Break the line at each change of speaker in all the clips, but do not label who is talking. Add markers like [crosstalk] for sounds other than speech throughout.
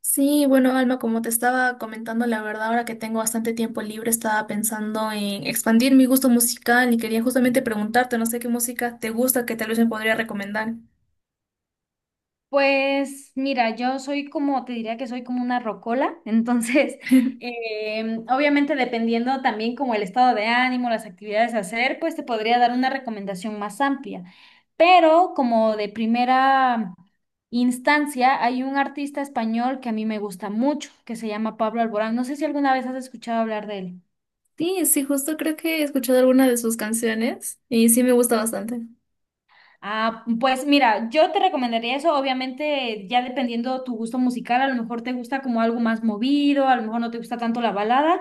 Sí, bueno, Alma, como te estaba comentando, la verdad, ahora que tengo bastante tiempo libre, estaba pensando en expandir mi gusto musical y quería justamente preguntarte, no sé qué música te gusta que tal vez me podría recomendar.
Pues mira, yo soy como, te diría que soy como una rocola, entonces [laughs]
[laughs]
obviamente dependiendo también como el estado de ánimo, las actividades a hacer, pues te podría dar una recomendación más amplia. Pero como de primera instancia, hay un artista español que a mí me gusta mucho, que se llama Pablo Alborán. No sé si alguna vez has escuchado hablar de él.
Sí, sí, justo creo que he escuchado alguna de sus canciones y sí me gusta bastante.
Ah, pues mira, yo te recomendaría eso, obviamente ya dependiendo tu gusto musical, a lo mejor te gusta como algo más movido, a lo mejor no te gusta tanto la balada,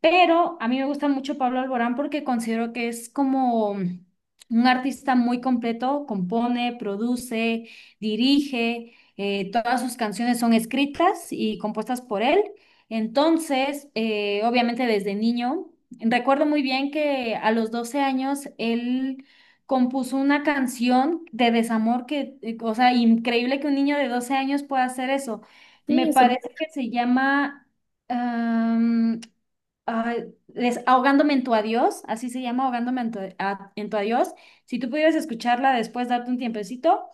pero a mí me gusta mucho Pablo Alborán porque considero que es como un artista muy completo, compone, produce, dirige, todas sus canciones son escritas y compuestas por él. Entonces, obviamente desde niño, recuerdo muy bien que a los 12 años él compuso una canción de desamor que, o sea, increíble que un niño de 12 años pueda hacer eso. Me
Sí,
parece que se llama... Ay, ahogándome en tu adiós, así se llama, ahogándome en tu, en tu adiós. Si tú pudieras escucharla después, darte un tiempecito,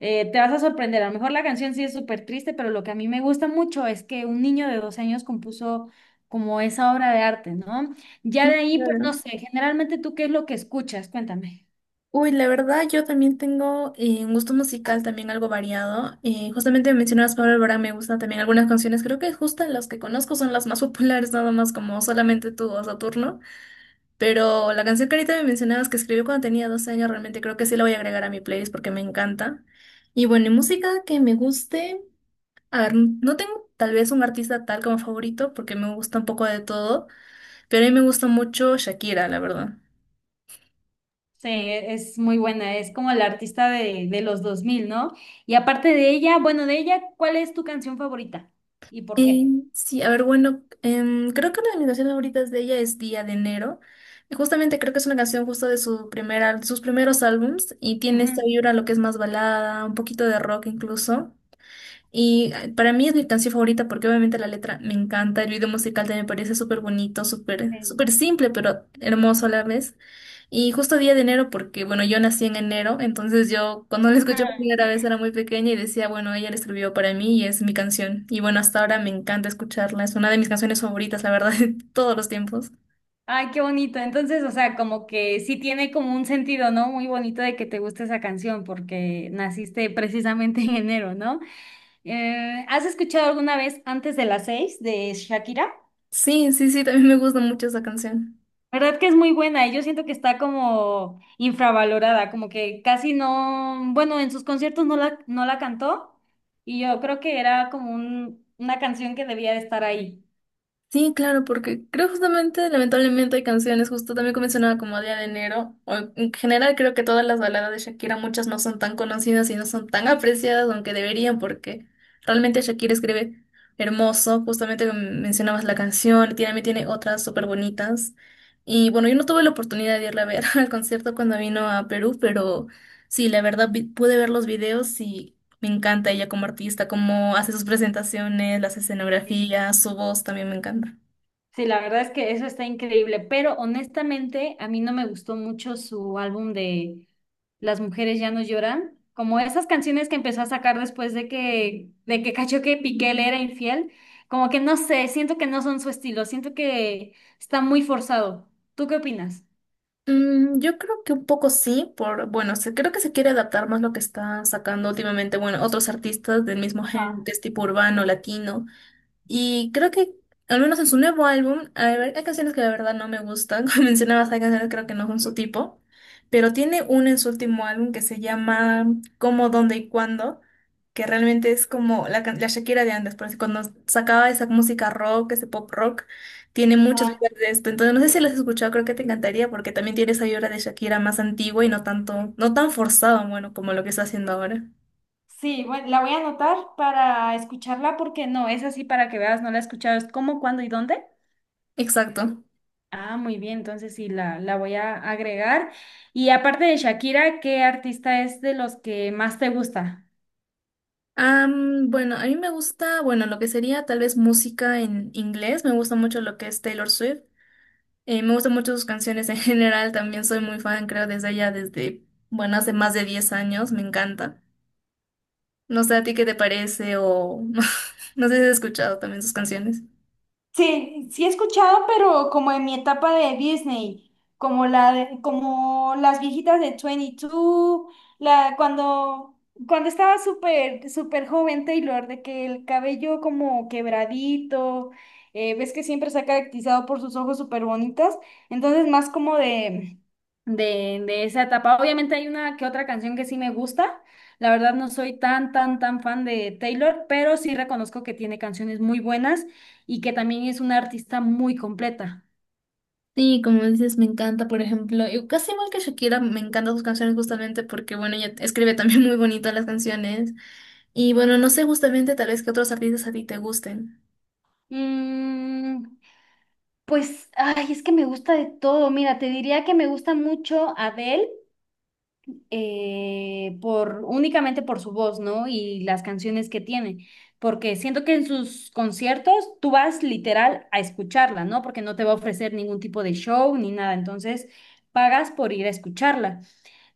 te vas a sorprender. A lo mejor la canción sí es súper triste, pero lo que a mí me gusta mucho es que un niño de 12 años compuso como esa obra de arte, ¿no? Ya de
sí,
ahí, pues
claro.
no sé, generalmente tú qué es lo que escuchas, cuéntame.
Uy, la verdad, yo también tengo un gusto musical también algo variado. Justamente mencionabas Pablo Alborán, me gustan también algunas canciones. Creo que justo las que conozco son las más populares, nada más como Solamente Tú o Saturno. Pero la canción que ahorita me mencionabas que escribió cuando tenía 12 años, realmente creo que sí la voy a agregar a mi playlist porque me encanta. Y bueno, y música que me guste. A ver, no tengo tal vez un artista tal como favorito porque me gusta un poco de todo, pero a mí me gusta mucho Shakira, la verdad.
Sí, es muy buena, es como la artista de los dos mil, ¿no? Y aparte de ella, bueno, de ella, ¿cuál es tu canción favorita? ¿Y por
Eh,
qué?
sí, a ver, bueno, creo que una de mis canciones favoritas de ella es Día de Enero. Y justamente creo que es una canción justo de su primera, sus primeros álbums y tiene esta
Ujú,
vibra, lo que es más balada, un poquito de rock incluso. Y para mí es mi canción favorita porque obviamente la letra me encanta, el video musical también me parece súper bonito, súper
sí.
súper simple, pero hermoso a la vez. Y justo día de enero, porque bueno, yo nací en enero, entonces yo cuando la escuché por
[laughs]
primera vez era muy pequeña y decía, bueno, ella la escribió para mí y es mi canción. Y bueno, hasta ahora me encanta escucharla, es una de mis canciones favoritas, la verdad, [laughs] de todos los tiempos.
Ay, qué bonito. Entonces, o sea, como que sí tiene como un sentido, ¿no? Muy bonito de que te guste esa canción porque naciste precisamente [laughs] en enero, ¿no? ¿Has escuchado alguna vez Antes de las seis de Shakira?
Sí, sí, sí, también me gusta mucho esa canción.
¿Verdad que es muy buena? Y yo siento que está como infravalorada, como que casi no, bueno, en sus conciertos no la cantó y yo creo que era como una canción que debía de estar ahí.
Sí, claro, porque creo justamente, lamentablemente, hay canciones, justo también como mencionaba como Día de Enero, o en general creo que todas las baladas de Shakira, muchas no son tan conocidas y no son tan apreciadas, aunque deberían, porque realmente Shakira escribe hermoso, justamente como mencionabas la canción, también tiene otras súper bonitas. Y bueno, yo no tuve la oportunidad de irla a ver [laughs] al concierto cuando vino a Perú, pero sí, la verdad pude ver los videos y me encanta ella como artista, cómo hace sus presentaciones, las escenografías, su voz también me encanta.
Sí, la verdad es que eso está increíble, pero honestamente a mí no me gustó mucho su álbum de Las mujeres ya no lloran, como esas canciones que empezó a sacar después de que cachó que Piqué le era infiel, como que no sé, siento que no son su estilo, siento que está muy forzado. ¿Tú qué opinas?
Mm, yo creo que un poco sí, bueno, creo que se quiere adaptar más lo que están sacando últimamente, bueno, otros artistas del mismo género,
Ajá,
que es tipo urbano, latino. Y creo que, al menos en su nuevo álbum, a ver, hay canciones que la verdad no me gustan. [laughs] Como mencionabas, hay canciones que creo que no son su tipo. Pero tiene una en su último álbum que se llama Cómo, Dónde y Cuándo, que realmente es como la, la Shakira de antes. Porque cuando sacaba esa música rock, ese pop rock, tiene muchos
ajá.
vibras de esto. Entonces, no sé si lo has escuchado, creo que te encantaría porque también tiene esa vibra de Shakira más antigua y no tanto, no tan forzado, bueno, como lo que está haciendo ahora.
Sí, bueno, la voy a anotar para escucharla porque no, es así para que veas, no la he escuchado, es cómo, cuándo y dónde.
Exacto.
Ah, muy bien, entonces sí, la voy a agregar. Y aparte de Shakira, ¿qué artista es de los que más te gusta?
Bueno, a mí me gusta, bueno, lo que sería tal vez música en inglés, me gusta mucho lo que es Taylor Swift, me gustan mucho sus canciones en [laughs] general, también soy muy fan, creo, desde allá, desde, bueno, hace más de 10 años, me encanta. No sé a ti qué te parece o [laughs] no sé si has escuchado también sus canciones.
Sí, sí he escuchado, pero como en mi etapa de Disney, como las viejitas de 22, la cuando cuando estaba súper súper joven Taylor, de que el cabello como quebradito, ves que siempre se ha caracterizado por sus ojos súper bonitas, entonces más como de esa etapa. Obviamente hay una que otra canción que sí me gusta. La verdad no soy tan tan tan fan de Taylor, pero sí reconozco que tiene canciones muy buenas y que también es una artista muy completa.
Sí, como dices, me encanta, por ejemplo, y casi igual que Shakira, me encantan sus canciones justamente porque, bueno, ella escribe también [laughs] muy bonito las canciones. Y bueno, no sé justamente tal vez qué otros artistas a ti te gusten.
Mm, pues, ay, es que me gusta de todo. Mira, te diría que me gusta mucho Adele. Por únicamente por su voz, ¿no? Y las canciones que tiene, porque siento que en sus conciertos tú vas literal a escucharla, ¿no? Porque no te va a ofrecer ningún tipo de show ni nada, entonces pagas por ir a escucharla.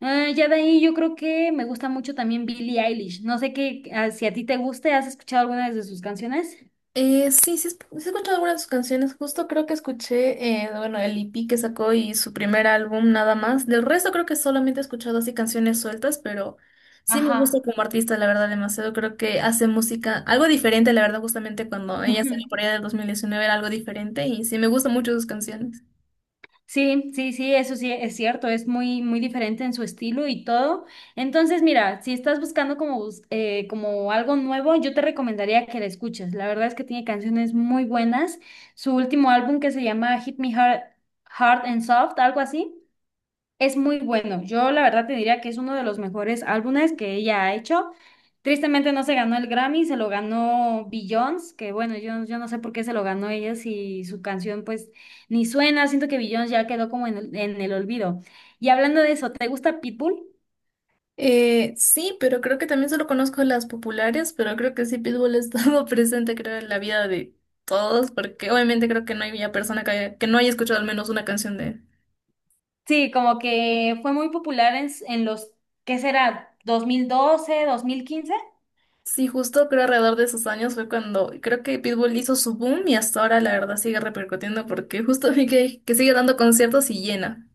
Ya de ahí yo creo que me gusta mucho también Billie Eilish. No sé qué, ah, si a ti te guste, ¿has escuchado alguna de sus canciones?
Sí, sí, he escuchado algunas de sus canciones. Justo creo que escuché, bueno, el EP que sacó y su primer álbum nada más. Del resto creo que solamente he escuchado así canciones sueltas, pero sí me gusta
Ajá.
como artista, la verdad, demasiado. Creo que hace música algo diferente, la verdad, justamente cuando ella salió por
[laughs]
allá del 2019 era algo diferente y sí me gustan mucho sus canciones.
Sí, sí, sí, eso sí es cierto, es muy, muy diferente en su estilo y todo. Entonces, mira, si estás buscando como, como algo nuevo, yo te recomendaría que la escuches. La verdad es que tiene canciones muy buenas. Su último álbum que se llama Hit Me Hard, Hard and Soft, algo así. Es muy bueno. Yo la verdad te diría que es uno de los mejores álbumes que ella ha hecho. Tristemente no se ganó el Grammy, se lo ganó Beyoncé, que bueno, yo no sé por qué se lo ganó ella si su canción pues ni suena. Siento que Beyoncé ya quedó como en el olvido. Y hablando de eso, ¿te gusta Pitbull?
Sí, pero creo que también solo conozco las populares, pero creo que sí Pitbull ha estado [laughs] presente, creo, en la vida de todos, porque obviamente creo que no hay persona que, que no haya escuchado al menos una canción de.
Sí, como que fue muy popular en los, ¿qué será? Dos mil doce, 2015.
Sí, justo creo alrededor de esos años fue cuando creo que Pitbull hizo su boom y hasta ahora la verdad sigue repercutiendo porque justo vi que sigue dando conciertos y llena.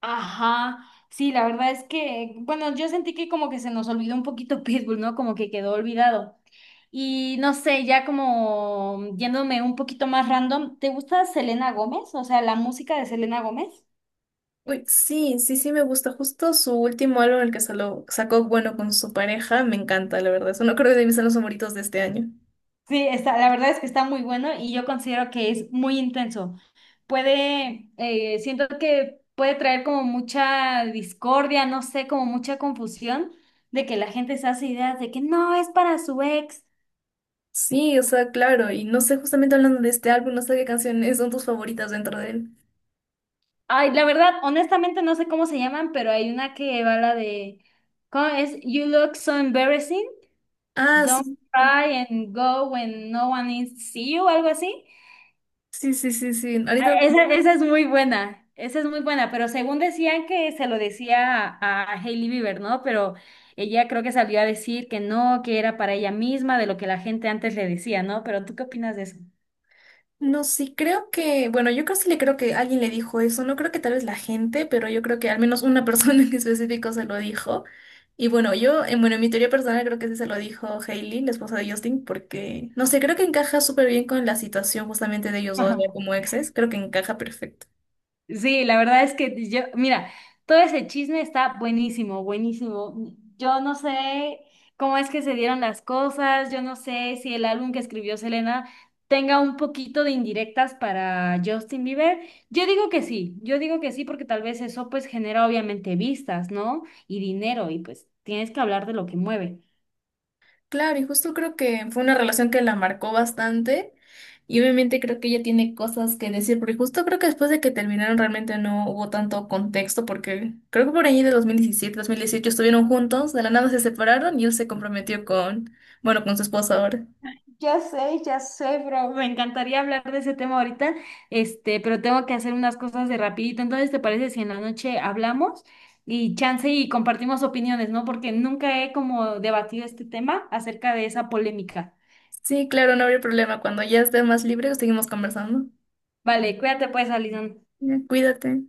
Ajá, sí, la verdad es que, bueno, yo sentí que como que se nos olvidó un poquito [laughs] Pitbull, ¿no? Como que quedó olvidado. Y no sé, ya como yéndome un poquito más random, ¿te gusta Selena Gómez? O sea, la música de Selena Gómez.
Uy, sí, sí, sí me gusta. Justo su último álbum, el que sacó bueno con su pareja, me encanta, la verdad. Eso no creo que de mis álbumes favoritos de este año.
Sí, está, la verdad es que está muy bueno y yo considero que es muy intenso. Puede, siento que puede traer como mucha discordia, no sé, como mucha confusión de que la gente se hace ideas de que no es para su ex.
Sí, o sea, claro. Y no sé, justamente hablando de este álbum, no sé qué canciones son tus favoritas dentro de él.
Ay, la verdad, honestamente no sé cómo se llaman, pero hay una que va la de, ¿cómo es? You look so embarrassing,
Ah,
don't
sí.
cry and go when no one is see you, algo así.
Sí, sí, sí, sí, sí. Ahorita.
Ah, esa, esa es muy buena, esa es muy buena, pero según decían que se lo decía a Hailey Bieber, ¿no? Pero ella creo que salió a decir que no, que era para ella misma, de lo que la gente antes le decía, ¿no? Pero ¿tú qué opinas de eso?
No, sí, creo que, bueno, yo casi le creo que alguien le dijo eso, no creo que tal vez la gente, pero yo creo que al menos una persona [laughs] en específico se lo dijo. Y bueno, yo, bueno, en mi teoría personal creo que sí se lo dijo Hailey, la esposa de Justin, porque, no sé, creo que encaja súper bien con la situación justamente de ellos dos ya
[laughs]
como exes, creo que encaja perfecto.
Sí, la verdad es que yo, mira, todo ese chisme está buenísimo, buenísimo. Yo no sé cómo es que se dieron las cosas, yo no sé si el álbum que escribió Selena tenga un poquito de indirectas para Justin Bieber. Yo digo que sí, yo digo que sí porque tal vez eso pues genera obviamente vistas, ¿no? Y dinero y pues tienes que hablar de lo que mueve.
Claro, y justo creo que fue una relación que la marcó bastante y obviamente creo que ella tiene cosas que decir, porque justo creo que después de que terminaron realmente no hubo tanto contexto, porque creo que por ahí de 2017 2018 estuvieron juntos, de la nada se separaron y él se comprometió con, bueno, con su esposa ahora.
Ya sé, bro. Me encantaría hablar de ese tema ahorita, este, pero tengo que hacer unas cosas de rapidito. Entonces, ¿te parece si en la noche hablamos y chance y compartimos opiniones, ¿no? Porque nunca he como debatido este tema acerca de esa polémica.
Sí, claro, no habría problema. Cuando ya esté más libre, seguimos conversando.
Vale, cuídate pues, Alison.
Ya, cuídate.